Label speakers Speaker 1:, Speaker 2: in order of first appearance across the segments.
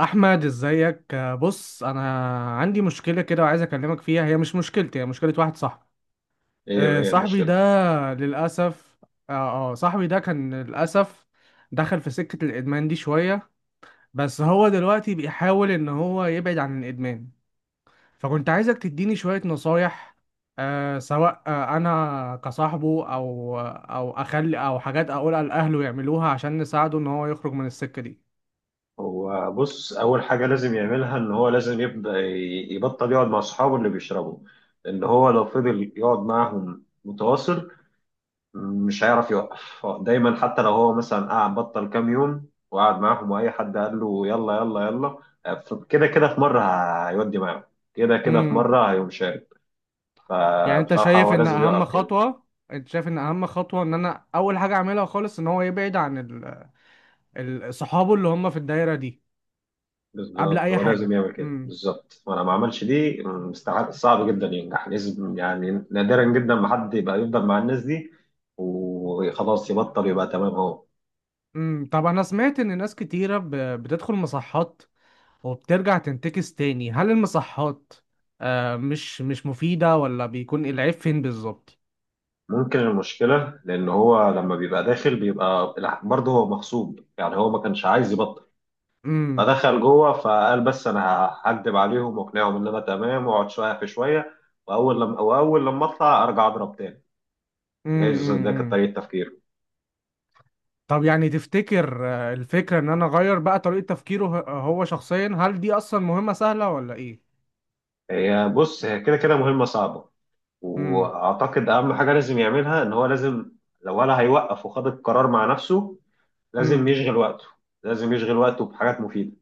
Speaker 1: احمد، ازيك؟ بص، انا عندي مشكله كده وعايز اكلمك فيها. هي مش مشكلتي، هي مشكله واحد صاحبي.
Speaker 2: ايه
Speaker 1: آه،
Speaker 2: ايه
Speaker 1: صاحبي ده
Speaker 2: المشكلة؟
Speaker 1: للاسف اه آه، صاحبي ده كان للاسف دخل في سكه الادمان دي شويه. بس هو دلوقتي بيحاول ان هو يبعد عن الادمان، فكنت عايزك تديني شويه نصايح، سواء انا كصاحبه او او اخلي او حاجات اقولها لاهله يعملوها عشان نساعده ان هو يخرج من السكه
Speaker 2: هو بص، أول حاجة لازم يعملها إن هو لازم يبدأ يبطل يقعد مع أصحابه اللي بيشربوا. إن هو لو فضل يقعد معاهم متواصل مش هيعرف يوقف. هو دايما حتى لو هو مثلا قعد بطل كام يوم وقعد معاهم وأي حد قال له يلا يلا يلا كده كده في مرة هيودي معاهم. كده
Speaker 1: دي.
Speaker 2: كده في مرة هيقوم شارب.
Speaker 1: يعني،
Speaker 2: فبصراحة هو لازم يوقف كده.
Speaker 1: انت شايف ان اهم خطوة ان انا اول حاجة اعملها خالص ان هو يبعد عن صحابه اللي هم في الدايرة دي قبل
Speaker 2: بالظبط
Speaker 1: اي
Speaker 2: هو لازم
Speaker 1: حاجة؟
Speaker 2: يعمل كده بالظبط، وانا ما عملش دي مستحيل، صعب جدا ينجح. لازم يعني نادرا جدا ما حد يبقى يفضل مع الناس دي وخلاص يبطل يبقى تمام. هو
Speaker 1: طب، انا سمعت ان ناس كتيرة بتدخل مصحات وبترجع تنتكس تاني. هل المصحات مش مفيدة، ولا بيكون العيب فين بالظبط؟
Speaker 2: ممكن المشكله لان هو لما بيبقى داخل بيبقى برضه هو مغصوب، يعني هو ما كانش عايز يبطل،
Speaker 1: امم
Speaker 2: فدخل جوه فقال بس انا هكدب عليهم واقنعهم ان انا تمام واقعد شويه في شويه، واول لما اطلع ارجع اضرب تاني. جايز ده كانت
Speaker 1: أمم.
Speaker 2: طريقه تفكيره.
Speaker 1: طب، يعني تفتكر الفكرة ان انا اغير بقى طريقة تفكيره، هو، هو شخصيا؟ هل دي اصلا مهمة سهلة ولا ايه؟
Speaker 2: هي كده كده مهمه صعبه.
Speaker 1: امم.
Speaker 2: واعتقد اهم حاجه لازم يعملها ان هو لازم، لو ولا هيوقف وخد القرار مع نفسه، لازم
Speaker 1: امم.
Speaker 2: يشغل وقته. لازم يشغل وقته بحاجات مفيده،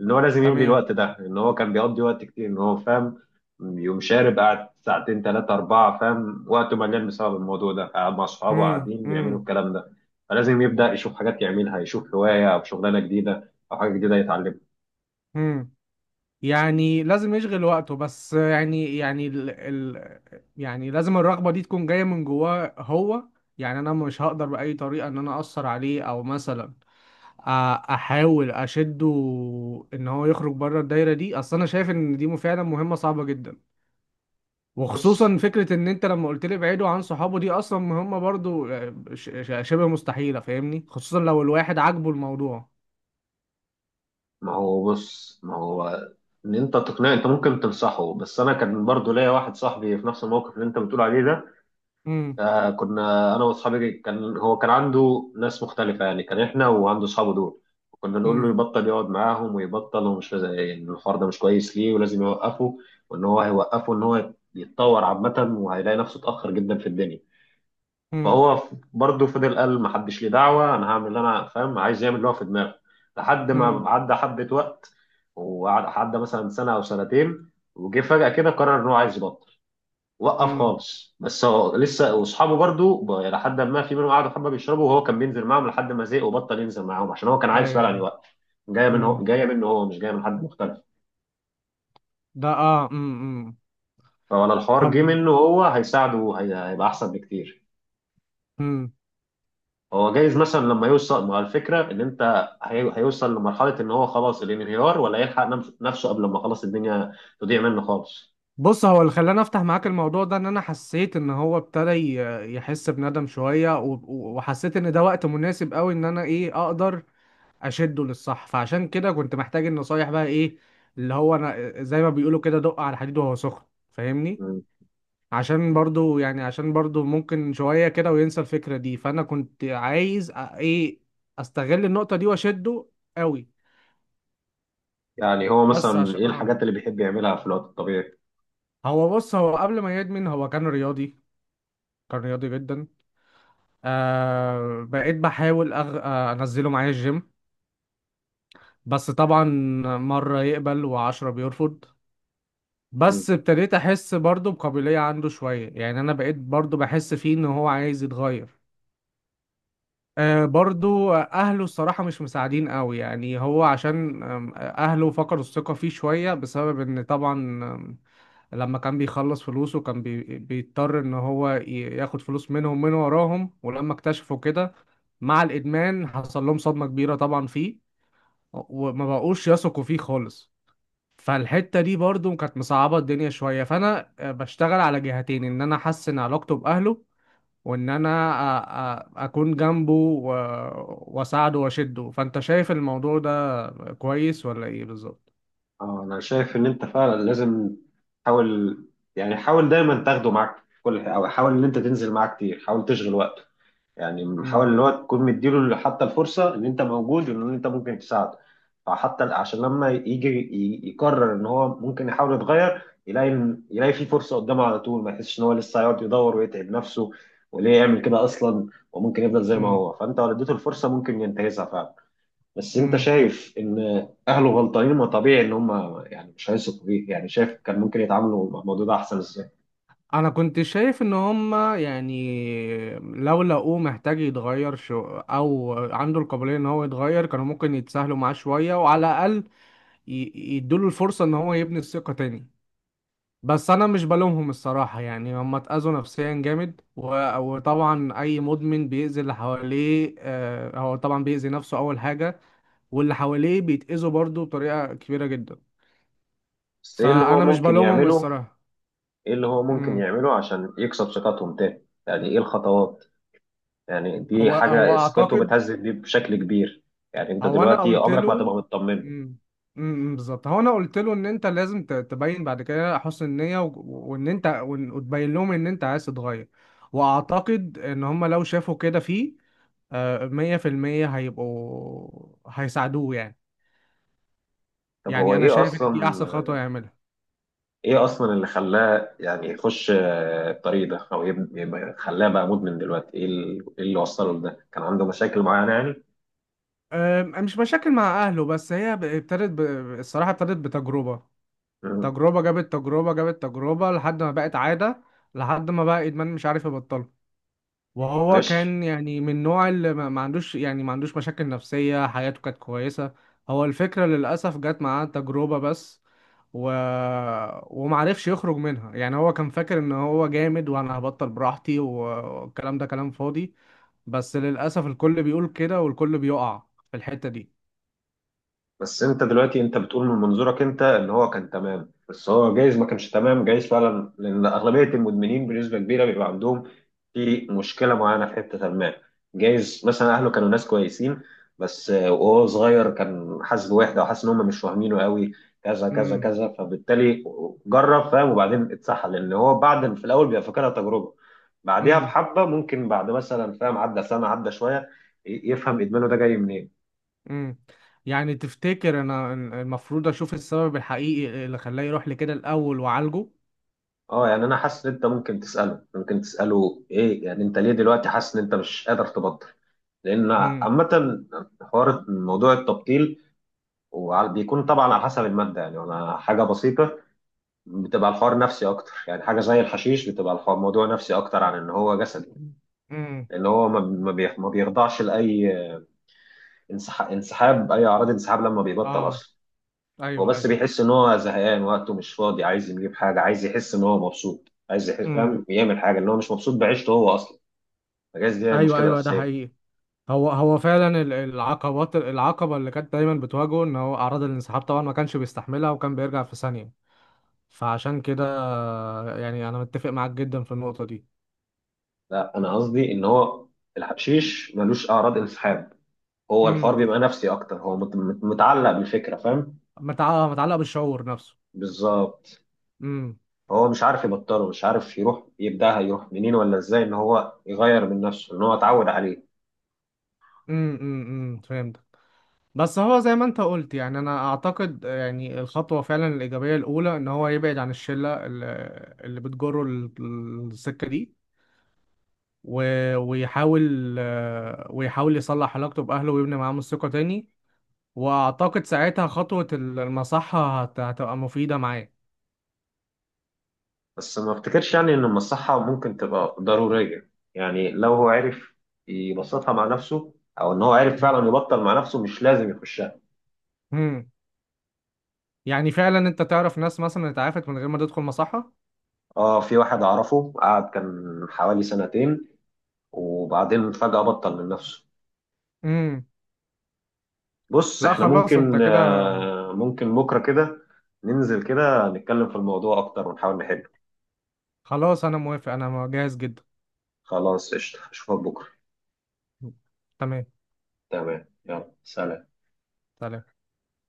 Speaker 2: ان هو لازم يملي
Speaker 1: تمام.
Speaker 2: الوقت ده. ان هو كان بيقضي وقت كتير ان هو فاهم، يوم شارب قعد ساعتين ثلاثه اربعه، فاهم، وقته مليان بسبب الموضوع ده، قاعد مع اصحابه
Speaker 1: امم
Speaker 2: قاعدين بيعملوا
Speaker 1: امم
Speaker 2: الكلام ده. فلازم يبدا يشوف حاجات يعملها، يشوف هوايه او شغلانه جديده او حاجه جديده يتعلمها.
Speaker 1: امم يعني لازم يشغل وقته، بس يعني لازم الرغبة دي تكون جاية من جواه هو. يعني انا مش هقدر بأي طريقة ان انا اثر عليه، او مثلا أ- احاول اشده ان هو يخرج بره الدايرة دي. اصل انا شايف ان دي فعلا مهمة صعبة جدا،
Speaker 2: بص
Speaker 1: وخصوصا فكرة ان انت لما قلت لي ابعدوا عن صحابه دي، اصلا مهمة برضو، شبه مستحيلة، فاهمني، خصوصا لو الواحد عاجبه الموضوع.
Speaker 2: ما هو بص ما هو ان انت تقنعه، انت ممكن تنصحه. بس انا كان برضو ليا واحد صاحبي في نفس الموقف اللي انت بتقول عليه ده.
Speaker 1: امم.
Speaker 2: كنا انا واصحابي كان هو كان عنده ناس مختلفه، يعني كان احنا وعنده اصحابه دول. كنا نقول له
Speaker 1: امم.
Speaker 2: يبطل يقعد معاهم ويبطل ان الحوار ده مش كويس ليه ولازم يوقفه، وان هو هيوقفه ان هو يتطور عامه وهيلاقي نفسه اتاخر جدا في الدنيا.
Speaker 1: امم.
Speaker 2: فهو برضه فضل قال ما حدش ليه دعوه، انا هعمل اللي انا فاهم، عايز يعمل اللي هو في دماغه. لحد
Speaker 1: امم،
Speaker 2: ما عدى حبه وقت، وعدى مثلا سنه او سنتين، وجه فجاه كده قرر ان هو عايز يبطل. وقف
Speaker 1: امم،
Speaker 2: خالص. بس هو لسه واصحابه برضه لحد ما في منهم قعدوا حبه بيشربوا، وهو كان بينزل معاهم لحد ما زهق وبطل ينزل معاهم، عشان هو كان عايز فعلا
Speaker 1: ايوه.
Speaker 2: يوقف. جايه منه،
Speaker 1: امم،
Speaker 2: جايه منه، هو مش جايه من حد مختلف.
Speaker 1: ده اه. امم،
Speaker 2: فولا الحوار
Speaker 1: طب.
Speaker 2: جه منه هو هيساعده، هيبقى احسن بكتير.
Speaker 1: امم
Speaker 2: هو جايز مثلا لما يوصل مع الفكره ان انت هيوصل لمرحله ان هو خلاص الانهيار، ولا يلحق نفسه قبل ما خلاص الدنيا تضيع منه خالص.
Speaker 1: بص، هو اللي خلاني افتح معاك الموضوع ده، ان انا حسيت ان هو ابتدى يحس بندم شويه، وحسيت ان ده وقت مناسب قوي ان انا اقدر اشده للصح. فعشان كده كنت محتاج النصايح، بقى ايه، اللي هو انا زي ما بيقولوا كده، دق على الحديد وهو سخن، فاهمني.
Speaker 2: مم.
Speaker 1: عشان برضو ممكن شويه كده وينسى الفكره دي، فانا كنت عايز أ- ايه استغل النقطه دي واشده قوي.
Speaker 2: يعني هو
Speaker 1: بس
Speaker 2: مثلا
Speaker 1: عشان
Speaker 2: ايه
Speaker 1: اه
Speaker 2: الحاجات اللي بيحب يعملها في الوقت الطبيعي؟
Speaker 1: هو، بص، هو قبل ما يدمن هو كان رياضي، كان رياضي جدا. بقيت بحاول أغ... آه انزله معايا الجيم، بس طبعا مرة يقبل و10 بيرفض.
Speaker 2: مم.
Speaker 1: بس ابتديت احس برضو بقابلية عنده شوية، يعني انا بقيت برضو بحس فيه ان هو عايز يتغير. برضو اهله الصراحة مش مساعدين قوي، يعني هو عشان اهله فقدوا الثقة فيه شوية بسبب ان طبعا لما كان بيخلص فلوسه كان بيضطر ان هو ياخد فلوس منهم من وراهم، ولما اكتشفوا كده مع الادمان حصل لهم صدمة كبيرة طبعا فيه، وما بقوش يثقوا فيه خالص. فالحتة دي برضو كانت مصعبة الدنيا شوية، فانا بشتغل على جهتين، ان انا احسن علاقته باهله، وان انا اكون جنبه واساعده واشده. فانت شايف الموضوع ده كويس ولا ايه بالظبط؟
Speaker 2: اه، انا شايف ان انت فعلا لازم تحاول. يعني حاول دايما تاخده معاك في كل حاجه، او حاول ان انت تنزل معاه كتير، حاول تشغل وقته. يعني بنحاول اللي هو تكون مديله حتى الفرصة إن أنت موجود وإن أنت ممكن تساعده. فحتى عشان لما يجي يقرر إن هو ممكن يحاول يتغير يلاقي يلاقي في فرصة قدامه على طول، ما يحسش إن هو لسه هيقعد يدور ويتعب نفسه، وليه يعمل كده أصلا، وممكن يفضل زي ما هو. فأنت لو اديته الفرصة ممكن ينتهزها فعلا. بس أنت
Speaker 1: امم
Speaker 2: شايف إن أهله غلطانين؟ ما طبيعي إن هم يعني مش هيثقوا فيه. يعني شايف كان ممكن يتعاملوا مع الموضوع ده أحسن إزاي؟
Speaker 1: انا كنت شايف ان هما، يعني لو لقوه محتاج يتغير شو او عنده القابليه ان هو يتغير، كانوا ممكن يتساهلوا معاه شويه، وعلى الاقل يدوله الفرصه ان هو يبني الثقه تاني. بس انا مش بلومهم الصراحه، يعني هما اتاذوا نفسيا جامد، وطبعا اي مدمن بيأذي اللي حواليه، هو طبعا بيأذي نفسه اول حاجه، واللي حواليه بيتأذوا برضه بطريقه كبيره جدا،
Speaker 2: بس إيه اللي هو
Speaker 1: فانا مش
Speaker 2: ممكن
Speaker 1: بلومهم
Speaker 2: يعمله؟
Speaker 1: الصراحه.
Speaker 2: ايه اللي هو ممكن
Speaker 1: مم.
Speaker 2: يعمله عشان يكسب ثقتهم تاني؟ يعني ايه الخطوات؟ يعني دي
Speaker 1: هو هو
Speaker 2: حاجة ثقته
Speaker 1: اعتقد
Speaker 2: بتهزز دي بشكل كبير. يعني انت
Speaker 1: هو انا
Speaker 2: دلوقتي
Speaker 1: قلت
Speaker 2: عمرك ما
Speaker 1: له.
Speaker 2: هتبقى مطمن.
Speaker 1: امم بالظبط، هو انا قلت له ان انت لازم تبين بعد كده حسن النيه، وتبين لهم ان انت عايز تتغير. واعتقد ان هم لو شافوا كده فيه، 100% هيبقوا هيساعدوه يعني.
Speaker 2: طب هو
Speaker 1: يعني انا
Speaker 2: ايه
Speaker 1: شايف ان
Speaker 2: اصلا
Speaker 1: دي احسن خطوه يعملها.
Speaker 2: ايه اصلا اللي خلاه يعني يخش الطريق ده، او يبقى خلاه بقى مدمن دلوقتي؟ ايه إيه اللي وصله لده؟ كان عنده مشاكل معينة يعني؟
Speaker 1: مش مشاكل مع اهله، بس هي الصراحه، ابتدت بتجربه.
Speaker 2: مم.
Speaker 1: تجربه جابت تجربه جابت تجربه لحد ما بقت عاده، لحد ما بقى ادمان مش عارف يبطله. وهو
Speaker 2: ماشي.
Speaker 1: كان، يعني، من نوع اللي ما عندوش مشاكل نفسية، حياته كانت كويسة. هو الفكرة للأسف جت معاه تجربة بس، و... ومعرفش يخرج منها. يعني هو كان فاكر ان هو جامد وانا هبطل براحتي، والكلام ده كلام فاضي، بس للأسف الكل بيقول كده والكل بيقع في الحتة دي.
Speaker 2: بس انت دلوقتي انت بتقول من منظورك انت ان هو كان تمام، بس هو جايز ما كانش تمام. جايز فعلا، لان اغلبيه المدمنين بنسبه كبيره بيبقى عندهم في مشكله معينه في حته ما. جايز مثلا اهله كانوا ناس كويسين، بس وهو صغير كان حاسس بوحده، وحاسس ان هم مش فاهمينه قوي، كذا كذا
Speaker 1: امم
Speaker 2: كذا. فبالتالي جرب، فاهم، وبعدين اتسحل، لان هو بعد في الاول بيبقى فاكرها تجربه. بعديها
Speaker 1: امم
Speaker 2: بحبه، ممكن بعد مثلا فاهم عدى سنه عدى شويه يفهم ادمانه ده جاي منين.
Speaker 1: امم يعني تفتكر انا المفروض اشوف السبب الحقيقي اللي خلاه يروح لكده الأول وعالجه؟
Speaker 2: اه، يعني انا حاسس ان انت ممكن تساله ايه يعني انت ليه دلوقتي حاسس ان انت مش قادر تبطل. لان
Speaker 1: امم.
Speaker 2: عامه حوار موضوع التبطيل بيكون طبعا على حسب الماده. يعني انا حاجه بسيطه بتبقى الحوار نفسي اكتر، يعني حاجه زي الحشيش بتبقى الحوار موضوع نفسي اكتر عن ان هو جسدي.
Speaker 1: امم.
Speaker 2: لان هو ما بيخضعش لاي انسحاب، اي اعراض انسحاب لما بيبطل
Speaker 1: اه.
Speaker 2: اصلا. هو
Speaker 1: ايوه،
Speaker 2: بس
Speaker 1: ايوه.
Speaker 2: بيحس ان هو زهقان، وقته مش فاضي، عايز يجيب حاجه، عايز يحس ان هو مبسوط، عايز يحس،
Speaker 1: امم.
Speaker 2: فاهم، يعمل حاجه ان هو مش مبسوط بعيشته هو اصلا. الجهاز دي هي
Speaker 1: ايوه،
Speaker 2: المشكله
Speaker 1: ايوه، ده
Speaker 2: الاساسيه.
Speaker 1: حقيقي. هو فعلا ال- العقبات العقبه اللي كانت دايما بتواجهه ان هو اعراض الانسحاب طبعا ما كانش بيستحملها، وكان بيرجع في ثانيه، فعشان كده، يعني، انا متفق معاك جدا في النقطه دي.
Speaker 2: لا، انا قصدي ان هو الحشيش ملوش اعراض انسحاب. هو الحوار
Speaker 1: امم
Speaker 2: بيبقى نفسي اكتر. هو متعلق بالفكره، فاهم.
Speaker 1: متعلق، متعلق بالشعور نفسه.
Speaker 2: بالظبط
Speaker 1: امم
Speaker 2: هو مش عارف يبطله، مش عارف يروح يبداها يروح منين ولا ازاي ان هو يغير من نفسه ان هو اتعود عليه.
Speaker 1: امم فهمت. بس هو زي ما انت قلت، يعني انا اعتقد، يعني الخطوه فعلا الايجابيه الاولى ان هو يبعد عن الشله اللي بتجره السكه دي، ويحاول يصلح علاقته بأهله ويبني معاهم الثقة تاني، وأعتقد ساعتها خطوة المصحة هتبقى مفيدة معاه.
Speaker 2: بس ما افتكرش يعني ان المصحه ممكن تبقى ضروريه، يعني لو هو عرف يبسطها مع نفسه، او ان هو عرف فعلا يبطل مع نفسه مش لازم يخشها.
Speaker 1: مم. يعني فعلا أنت تعرف ناس مثلا اتعافت من غير ما تدخل مصحة؟
Speaker 2: اه، في واحد اعرفه قعد كان حوالي سنتين، وبعدين فجأة بطل من نفسه.
Speaker 1: مم.
Speaker 2: بص
Speaker 1: لا،
Speaker 2: احنا
Speaker 1: خلاص، أنت
Speaker 2: ممكن،
Speaker 1: كده.
Speaker 2: ممكن بكرة كده ننزل كده نتكلم في الموضوع أكتر ونحاول نحله.
Speaker 1: خلاص، أنا موافق، أنا جاهز جدا.
Speaker 2: خلاص قشطة، أشوفك بكرة.
Speaker 1: تمام.
Speaker 2: تمام يلا سلام.
Speaker 1: سلام.